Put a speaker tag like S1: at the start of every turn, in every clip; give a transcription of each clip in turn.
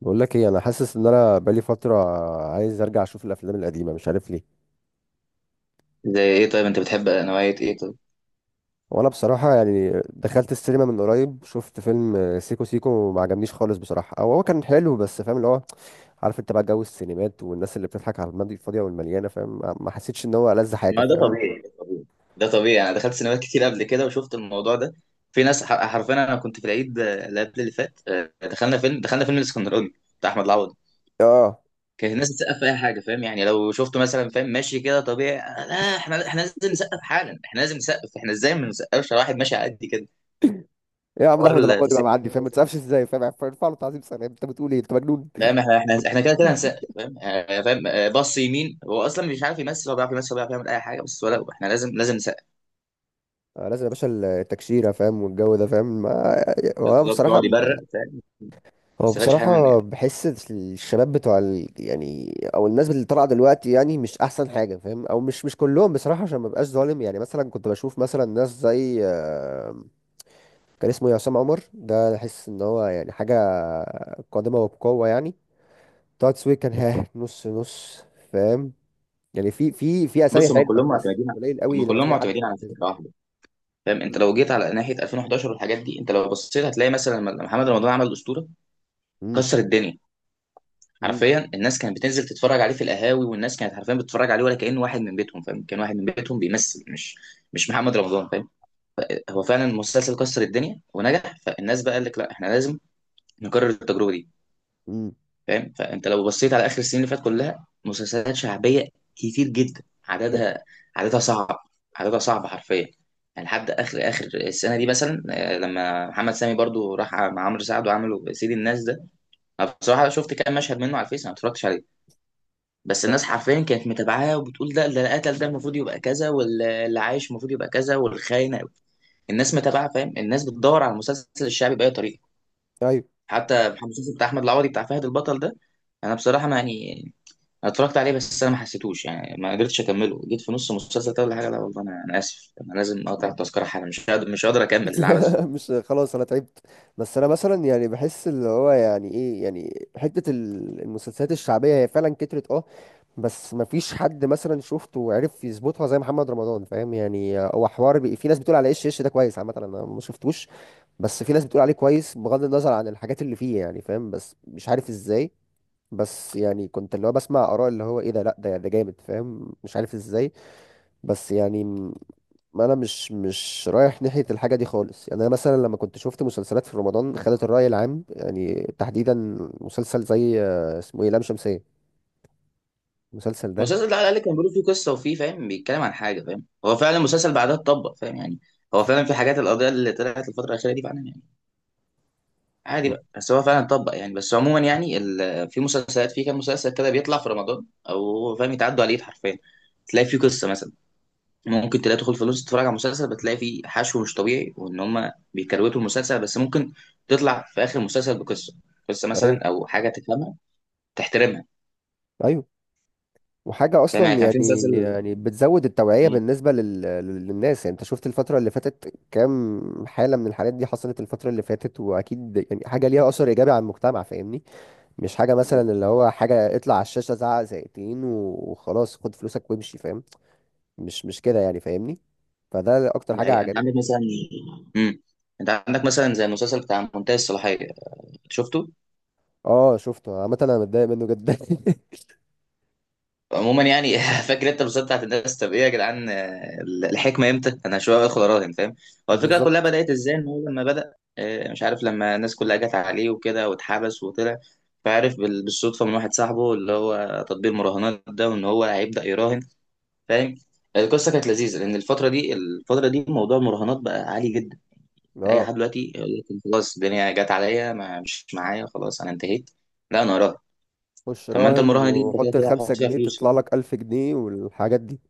S1: بقول لك ايه، انا حاسس ان انا بقالي فتره عايز ارجع اشوف الافلام القديمه، مش عارف ليه.
S2: زي ايه طيب؟ انت بتحب نوعية ايه طيب؟
S1: وانا بصراحه يعني دخلت السينما من قريب، شفت فيلم سيكو سيكو وما عجبنيش خالص بصراحه. او هو كان حلو بس فاهم اللي هو، عارف انت بقى جو السينمات والناس اللي بتضحك على الماضي الفاضيه والمليانه، فاهم؟ ما حسيتش ان هو ألذ حاجه،
S2: ما ده
S1: فاهم؟
S2: طبيعي، ده طبيعي. انا دخلت سينمات كتير قبل كده وشفت الموضوع ده. في ناس حرفيا انا كنت في العيد، اللي قبل اللي فات، دخلنا فيلم الاسكندراني بتاع احمد العوضي.
S1: اه،
S2: كان الناس بتسقف في اي حاجه، فاهم؟ يعني لو شفته مثلا فاهم ماشي كده طبيعي، لا احنا لازم نسقف حالا، احنا لازم نسقف، احنا ازاي ما نسقفش على واحد ماشي على قد كده؟
S1: يا عم ده
S2: حوار
S1: احمد العوضي بقى
S2: التسقيف
S1: معدي، فاهم؟
S2: ده،
S1: ما تسقفش ازاي؟ فاهم، ارفع له تعظيم سلام. انت بتقول ايه؟ انت مجنون؟
S2: فاهم؟ احنا كده كده هنسقف، فاهم؟ فاهم؟ بص يمين، هو اصلا مش عارف يمثل، هو بيعرف يمثل، هو بيعرف يعمل اي حاجه، بس ولا احنا لازم نسقف.
S1: آه لازم يا باشا، التكشيره فاهم، والجو ده، فاهم؟ هو أنا
S2: بالظبط،
S1: بصراحه،
S2: يقعد يبرق، فاهم؟ ما
S1: هو
S2: استفادش حاجه منه
S1: بصراحة
S2: يعني.
S1: بحس الشباب بتوع يعني، أو الناس اللي طالعة دلوقتي يعني مش أحسن حاجة، فاهم؟ أو مش كلهم بصراحة، عشان ما بقاش ظالم. يعني مثلا كنت بشوف مثلا ناس زي كان اسمه عصام عمر، ده أحس إن هو يعني حاجة قادمة وبقوة يعني. طه دسوقي كان ها نص نص، فاهم؟ يعني في أسامي
S2: بص،
S1: حلوة بس قليل قوي
S2: هم
S1: لما
S2: كلهم
S1: تلاقي حد
S2: معتمدين على
S1: مهتم.
S2: فكره واحده. فاهم؟ انت لو جيت على ناحيه 2011 والحاجات دي، انت لو بصيت هتلاقي مثلا لما محمد رمضان عمل اسطوره،
S1: أمم،
S2: كسر الدنيا.
S1: أمم،
S2: حرفيا الناس كانت بتنزل تتفرج عليه في القهاوي، والناس كانت حرفيا بتتفرج عليه ولا كأنه واحد من بيتهم. فاهم؟ كان واحد من بيتهم بيمثل، مش محمد رمضان، فاهم؟ هو فعلا المسلسل كسر الدنيا ونجح، فالناس بقى قال لك لا احنا لازم نكرر التجربه دي.
S1: أمم.
S2: فاهم؟ فانت لو بصيت على اخر السنين اللي فاتت كلها مسلسلات شعبيه كتير جدا.
S1: بجد.
S2: عددها، عددها صعب، عددها صعب حرفيا. يعني لحد اخر السنه دي مثلا، لما محمد سامي برضو راح مع عمرو سعد وعملوا سيد الناس ده. انا بصراحه شفت كام مشهد منه على الفيس، أنا ما اتفرجتش عليه. بس
S1: آه.
S2: الناس حرفيا كانت متابعاه وبتقول ده اللي قتل، ده المفروض يبقى كذا، واللي عايش المفروض يبقى كذا، والخاينه. الناس متابعه، فاهم؟ الناس بتدور على المسلسل الشعبي باي طريقه.
S1: أيوه.
S2: حتى المسلسل بتاع احمد العوضي، بتاع فهد البطل ده، انا بصراحه ما يعني، أنا اتفرجت عليه بس انا ما حسيتوش يعني، ما قدرتش اكمله، جيت في نص المسلسل ده ولا حاجه، لا والله، انا اسف، انا لازم اقطع التذكره حالا، مش قادر اكمل العبث ده.
S1: مش، خلاص انا تعبت. بس انا مثلا يعني بحس اللي هو يعني ايه، يعني حتة المسلسلات الشعبية هي فعلا كترت اه. بس ما فيش حد مثلا شفته وعرف يظبطها زي محمد رمضان، فاهم؟ يعني هو حوار في ناس بتقول على ايش، ايش ده كويس؟ عامة انا ما شفتوش. بس في ناس بتقول عليه كويس بغض النظر عن الحاجات اللي فيه، يعني فاهم؟ بس مش عارف ازاي. بس يعني كنت اللي هو بسمع اراء اللي هو ايه ده، لا ده جامد، فاهم؟ مش عارف ازاي. بس يعني ما انا مش رايح ناحيه الحاجه دي خالص. يعني انا مثلا لما كنت شفت مسلسلات في رمضان، خدت الراي العام يعني تحديدا مسلسل زي اسمه ايه، لام شمسيه. المسلسل ده.
S2: المسلسل ده على الاقل كان بيقول فيه قصه وفيه، فاهم؟ بيتكلم عن حاجه، فاهم؟ هو فعلا المسلسل بعدها اتطبق، فاهم يعني؟ هو فعلا في حاجات، القضيه اللي طلعت الفتره الاخيره دي فعلا يعني عادي
S1: م-
S2: بقى، بس هو فعلا اتطبق يعني. بس عموما يعني في مسلسلات، في كام مسلسل كده بيطلع في رمضان او هو فاهم، يتعدوا على الايد حرفيا، تلاقي فيه قصه مثلا. ممكن تلاقي، تدخل في نص تتفرج على مسلسل، بتلاقي فيه حشو مش طبيعي، وان هم بيكروتوا المسلسل، بس ممكن تطلع في اخر المسلسل بقصه، قصه
S1: ايوه.
S2: مثلا او حاجه تفهمها، تحترمها.
S1: ايوه، وحاجه
S2: فاهم يعني؟
S1: اصلا
S2: كان في
S1: يعني،
S2: مسلسل،
S1: يعني بتزود التوعيه
S2: مم،
S1: بالنسبه للناس، يعني انت شفت الفتره اللي فاتت كام حاله من الحالات دي حصلت الفتره اللي فاتت، واكيد يعني حاجه ليها اثر ايجابي على المجتمع، فاهمني؟ مش حاجه مثلا
S2: بالظبط.
S1: اللي هو حاجه اطلع على الشاشه، زعق زقتين وخلاص خد فلوسك وامشي، فاهم؟ مش كده يعني، فاهمني؟ فده اكتر
S2: دي
S1: حاجه
S2: حقيقة، انت
S1: عجبتني
S2: عندك مثلا،
S1: فيه.
S2: مم. انت عندك مثلا زي المسلسل بتاع منتهي الصلاحيه، شفته؟
S1: اه شفته، عامه انا متضايق منه جدا.
S2: عموما يعني فاكر انت بالظبط بتاعت الناس، طب ايه يا جدعان، الحكمه امتى؟ انا شويه ادخل اراهن، فاهم؟ هو الفكره كلها
S1: بالظبط.
S2: بدات ازاي، ان هو لما بدا، مش عارف، لما الناس كلها جت عليه وكده واتحبس وطلع، فعرف بالصدفه من واحد صاحبه اللي هو تطبيق المراهنات ده، وان هو هيبدا يراهن. فاهم؟ القصه كانت لذيذه، لان الفتره دي، الفتره دي موضوع المراهنات بقى عالي جدا. اي
S1: اه،
S2: حد دلوقتي يقول لك خلاص الدنيا جت عليا، ما مش معايا، خلاص انا انتهيت، لا انا اراهن.
S1: خش
S2: طب ما انت
S1: راهن
S2: المراهنه دي انت كده
S1: وحط
S2: كده
S1: الخمسة
S2: هتحط فيها
S1: جنيه
S2: فلوس،
S1: تطلع
S2: فاهم؟
S1: لك ألف جنيه والحاجات دي.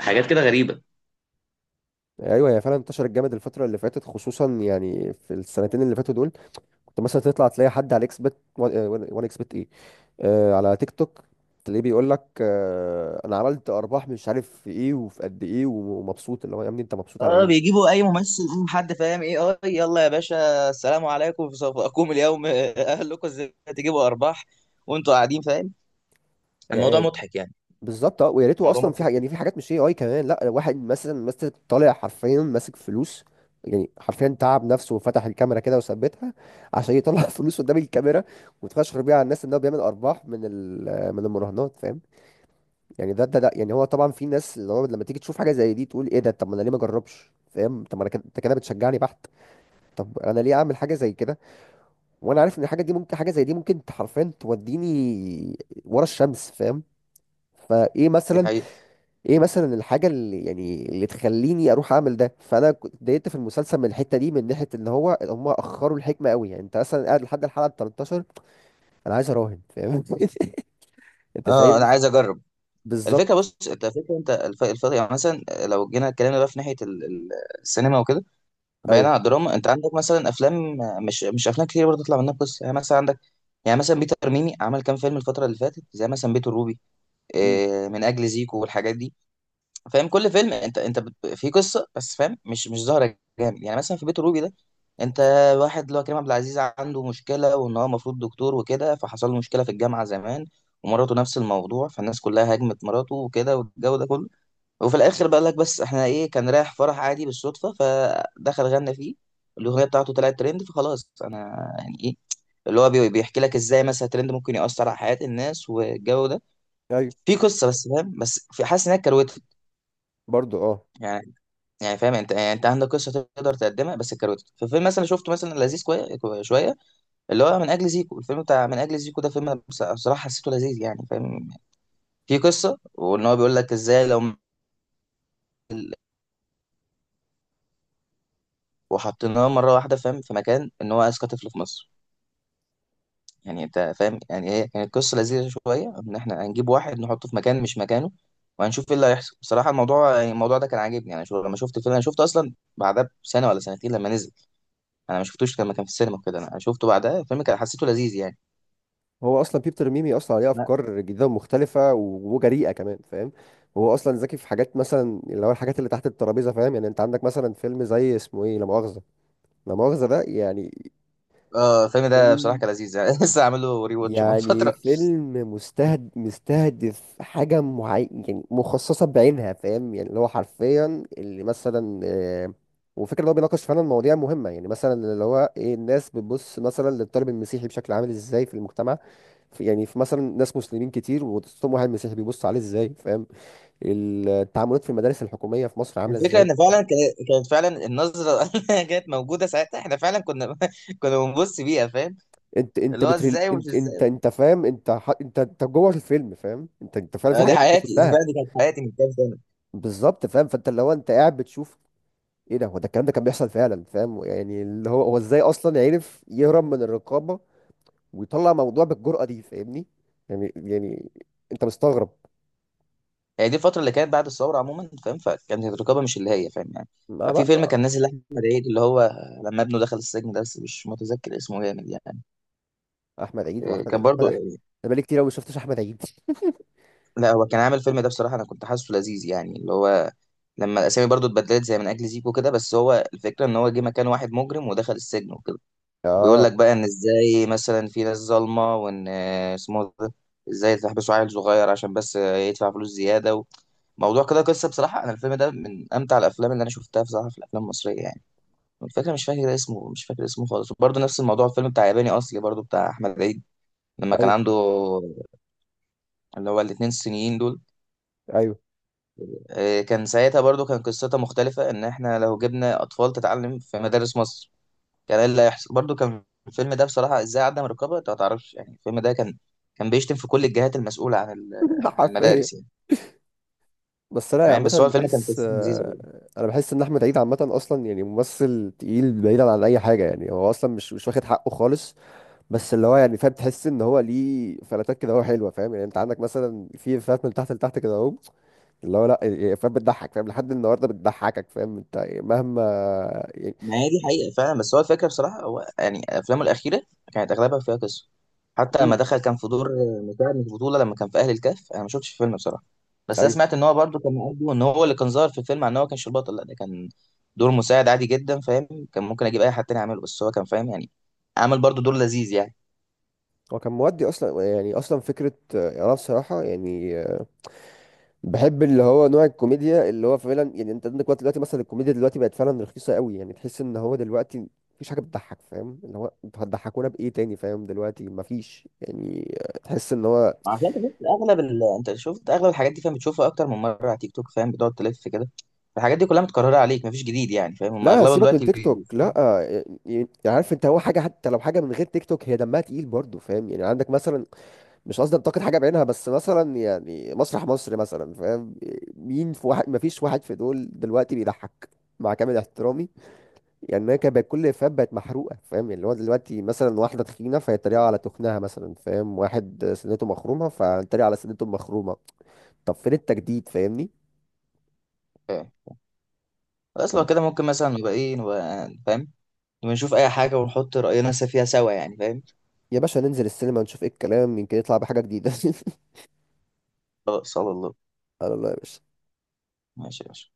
S2: حاجات كده غريبة.
S1: ايوه، هي فعلا انتشرت جامد الفتره اللي فاتت، خصوصا يعني في السنتين اللي فاتوا دول. كنت مثلا تطلع تلاقي حد على اكس بت، وان اكس بت ايه. آه، على تيك توك. تلاقيه بيقول لك آه انا عملت ارباح، مش عارف في ايه وفي قد ايه ومبسوط. اللي هو يا ابني انت مبسوط على
S2: اه
S1: ايه
S2: بيجيبوا اي ممثل أم حد فاهم ايه، اه يلا يا باشا السلام عليكم، في صفاكم اليوم اهلكم، ازاي تجيبوا ارباح وانتوا قاعدين، فاهم؟ الموضوع
S1: يعني؟
S2: مضحك يعني.
S1: بالظبط. اه ويا ريته
S2: الموضوع
S1: اصلا
S2: مضحك
S1: في حاجة،
S2: جدا.
S1: يعني في حاجات مش اي كمان. لا، واحد مثلا، مثلا طالع حرفيا ماسك فلوس، يعني حرفيا تعب نفسه وفتح الكاميرا كده وثبتها عشان يطلع فلوس قدام الكاميرا وتفشخر بيها على الناس ان هو بيعمل ارباح من من المراهنات، فاهم؟ يعني ده يعني، هو طبعا في ناس اللي هو لما تيجي تشوف حاجه زي دي تقول ايه ده، طب ما انا ليه ما اجربش، فاهم؟ طب ما انا كده، انت كده بتشجعني بحت. طب انا ليه اعمل حاجه زي كده وانا عارف ان الحاجه دي ممكن، حاجه زي دي ممكن حرفيا توديني ورا الشمس، فاهم؟ فايه
S2: دي
S1: مثلا،
S2: حقيقة.
S1: ايه مثلا الحاجه اللي يعني اللي تخليني اروح اعمل ده؟ فانا كنت اتضايقت في المسلسل من الحته دي، من ناحيه ان هو هم اخروا الحكمه قوي يعني. انت مثلا قاعد لحد الحلقه 13 انا عايز اراهن، فاهم؟ انت
S2: اه انا
S1: شايف؟
S2: عايز اجرب. الفكره،
S1: بالظبط.
S2: بص، انت الفكره، انت يعني مثلا لو جينا اتكلمنا بقى في ناحيه السينما وكده، بعيدا
S1: ايوه.
S2: عن الدراما، انت عندك مثلا افلام، مش مش افلام كتير برضه تطلع منها قصه، يعني مثلا عندك، يعني مثلا بيتر ميمي عمل كام فيلم الفتره اللي فاتت، زي مثلا بيت الروبي،
S1: امم.
S2: من اجل زيكو والحاجات دي. فاهم؟ كل فيلم في قصه بس، فاهم؟ مش مش ظاهره جامد. يعني مثلا في بيت الروبي ده، انت واحد اللي هو كريم عبد العزيز عنده مشكله، وان هو المفروض دكتور وكده، فحصل له مشكله في الجامعه زمان، ومراته نفس الموضوع، فالناس كلها هاجمت مراته وكده والجو ده كله. وفي الاخر بقى لك بس احنا ايه، كان رايح فرح عادي بالصدفه، فدخل غنى فيه، الاغنيه بتاعته طلعت ترند، فخلاص انا يعني ايه، اللي هو بيحكي لك ازاي مثلا الترند ممكن يأثر على حياه الناس والجو ده.
S1: ايوه.
S2: في قصه بس، فاهم؟ بس في حاسس انها كروته.
S1: برضو اه.
S2: يعني فاهم؟ انت يعني انت عندك قصه تقدر تقدمها، بس الكروت في فيلم مثلا شفته مثلا لذيذ، شويه، اللي هو من اجل زيكو، الفيلم بتاع من اجل زيكو ده، فيلم أنا بصراحه حسيته لذيذ يعني. فاهم؟ في قصه، وان هو بيقول لك ازاي لو وحطيناه مره واحده، فاهم؟ في مكان ان هو اذكى طفل في مصر. يعني انت فاهم يعني ايه؟ كانت قصه لذيذه شويه، ان احنا هنجيب واحد نحطه في مكان مش مكانه، وهنشوف ايه اللي هيحصل. بصراحه الموضوع يعني الموضوع ده كان عاجبني يعني. شو لما شفت الفيلم، انا شفته اصلا بعدها بسنه ولا سنتين لما نزل، انا ما شفتوش لما كان في السينما كده، انا شفته بعدها، الفيلم كان حسيته لذيذ يعني.
S1: هو اصلا بيبتر ميمي اصلا عليه افكار جديده ومختلفه وجريئه كمان، فاهم؟ هو اصلا ذكي في حاجات مثلا اللي هو الحاجات اللي تحت الترابيزه، فاهم؟ يعني انت عندك مثلا فيلم زي اسمه ايه، لا مؤاخذه. لا مؤاخذه ده يعني
S2: اه الفيلم ده بصراحه
S1: فيلم،
S2: كان لذيذ يعني، لسه عامل له ري واتش من
S1: يعني
S2: فتره.
S1: فيلم مستهدف حاجة معينة، يعني مخصصة بعينها، فاهم؟ يعني اللي هو حرفيا اللي مثلا وفكرة اللي هو بيناقش فعلا مواضيع مهمة، يعني مثلا اللي هو ايه، الناس بتبص مثلا للطالب المسيحي بشكل عامل ازاي في المجتمع. في، يعني في مثلا ناس مسلمين كتير وتصوم، واحد مسيحي بيبص عليه ازاي، فاهم؟ التعاملات في المدارس الحكومية في مصر عاملة
S2: الفكره
S1: ازاي.
S2: ان فعلا كانت فعلا النظره اللي كانت موجوده ساعتها احنا فعلا كنا كنا بنبص بيها، فاهم؟
S1: انت انت
S2: اللي هو
S1: بتريل،
S2: ازاي ومش
S1: انت انت
S2: ازاي.
S1: انت فاهم، انت انت جوه الفيلم، فاهم؟ انت انت فعلا في
S2: دي
S1: حاجات انت
S2: حياتي، دي
S1: شفتها.
S2: فعلا دي كانت حياتي من كام سنه.
S1: بالظبط، فاهم؟ فانت اللي هو انت قاعد بتشوف ايه ده، هو ده الكلام. ده كان بيحصل فعلا، فاهم؟ يعني اللي هو هو ازاي اصلا عرف يهرب من الرقابه ويطلع موضوع بالجرأه دي، فاهمني؟ يعني، يعني انت مستغرب.
S2: هي دي الفتره اللي كانت بعد الثوره عموما، فاهم؟ فكانت الرقابه مش اللي هي، فاهم يعني؟
S1: ما
S2: في فيلم
S1: برضه،
S2: كان نازل لاحمد عيد، اللي هو لما ابنه دخل السجن ده، بس مش متذكر اسمه، جامد يعني.
S1: احمد عيد، واحمد عيد
S2: كان
S1: احمد
S2: برضو.
S1: احمد. انا بقالي كتير قوي ما شفتش احمد عيد.
S2: لا هو كان عامل الفيلم ده بصراحة، أنا كنت حاسه لذيذ يعني، اللي هو لما الأسامي برضو اتبدلت زي من أجل زيكو كده. بس هو الفكرة إن هو جه مكان واحد مجرم ودخل السجن وكده، وبيقول
S1: اه.
S2: لك بقى إن إزاي مثلا في ناس ظالمة، وإن، اسمه ده، إزاي تحبسوا عيل صغير عشان بس، يدفع فلوس زيادة و... موضوع كده قصة. بصراحة أنا الفيلم ده من أمتع الأفلام اللي أنا شفتها بصراحة في الأفلام المصرية يعني. الفكرة، مش فاكر اسمه، مش فاكر اسمه خالص. وبرضه نفس الموضوع الفيلم بتاع ياباني أصلي، برضه بتاع أحمد عيد، لما كان
S1: ايوه.
S2: عنده اللي هو الاتنين الصينيين دول.
S1: ايوه.
S2: كان ساعتها برضو كان قصتها مختلفة، إن إحنا لو جبنا أطفال تتعلم في مدارس مصر، كان إيه اللي هيحصل. برضو كان الفيلم ده بصراحة، إزاي عدم الرقابة، أنت ما تعرفش يعني، الفيلم ده كان، كان بيشتم في كل الجهات المسؤولة عن عن
S1: حرفيا.
S2: المدارس يعني.
S1: بس لا يعني
S2: فاهم؟
S1: عامه
S2: بس هو الفيلم كان
S1: بحس
S2: قصته لذيذة.
S1: انا بحس ان احمد عيد عامه اصلا يعني ممثل تقيل، بعيدا عن اي حاجه يعني. هو اصلا مش واخد حقه خالص. بس اللي هو يعني فاهم، تحس ان هو ليه فلاتات كده هو حلوه، فاهم؟ يعني انت عندك مثلا في فلات من تحت لتحت كده اهو، اللي هو لا يعني فاهم، بتضحك، فاهم؟ لحد النهارده بتضحكك، فاهم؟ انت يعني مهما يعني.
S2: ما هي دي حقيقة فعلا. بس هو الفكرة بصراحة، هو يعني أفلامه الأخيرة كانت أغلبها فيها قصة. حتى لما
S1: امم.
S2: دخل كان في دور مساعد في البطولة، لما كان في أهل الكهف، أنا ما شفتش الفيلم بصراحة، بس أنا
S1: ايوه.
S2: سمعت إن هو برضه كان مقضي، إن هو اللي كان ظاهر في الفيلم، عن إن هو كانش البطل، لا ده كان دور مساعد عادي جدا، فاهم؟ كان ممكن أجيب أي حد تاني يعمله، بس هو كان فاهم يعني، عمل برضه دور لذيذ يعني.
S1: هو كان مودي اصلا يعني، اصلا فكره انا بصراحه يعني بحب اللي هو نوع الكوميديا اللي هو فعلا، يعني انت عندك وقت دلوقتي مثلا، الكوميديا دلوقتي بقت فعلا رخيصه قوي، يعني تحس ان هو دلوقتي مفيش حاجه بتضحك، فاهم؟ اللي هو انتوا هتضحكونا بايه تاني، فاهم؟ دلوقتي مفيش يعني تحس ان هو
S2: عشان انت شفت اغلب انت شفت اغلب الحاجات دي، فاهم؟ بتشوفها اكتر من مره على تيك توك، فاهم؟ بتقعد تلف كده، الحاجات دي كلها متكرره عليك، مفيش جديد يعني. فاهم؟ هم
S1: لا،
S2: اغلبها
S1: سيبك من
S2: دلوقتي
S1: تيك توك، لا يعني. عارف انت، هو حاجه حتى لو حاجه من غير تيك توك هي دمها تقيل برضه، فاهم؟ يعني عندك مثلا، مش قصدي انتقد حاجه بعينها، بس مثلا يعني مسرح مصر مثلا، فاهم؟ مين في واحد، ما فيش واحد في دول دلوقتي بيضحك، مع كامل احترامي. يعني انا كان بقت كل افيهات بقت محروقه، فاهم؟ يعني اللي هو دلوقتي مثلا واحده تخينه فيتريقوا على تخنها مثلا، فاهم؟ واحد سنته مخرومه فيتريقوا على سنته المخرومه. طب فين التجديد، فاهمني؟
S2: بي- خلاص
S1: طب
S2: لو كده ممكن مثلا نبقى ايه، نبقى فاهم، نبقى نشوف اي حاجة ونحط رأينا فيها سوا يعني. فاهم؟
S1: يا باشا ننزل السينما نشوف ايه الكلام، يمكن يطلع بحاجه جديده.
S2: خلاص على الله.
S1: على الله يا باشا.
S2: ماشي يا باشا.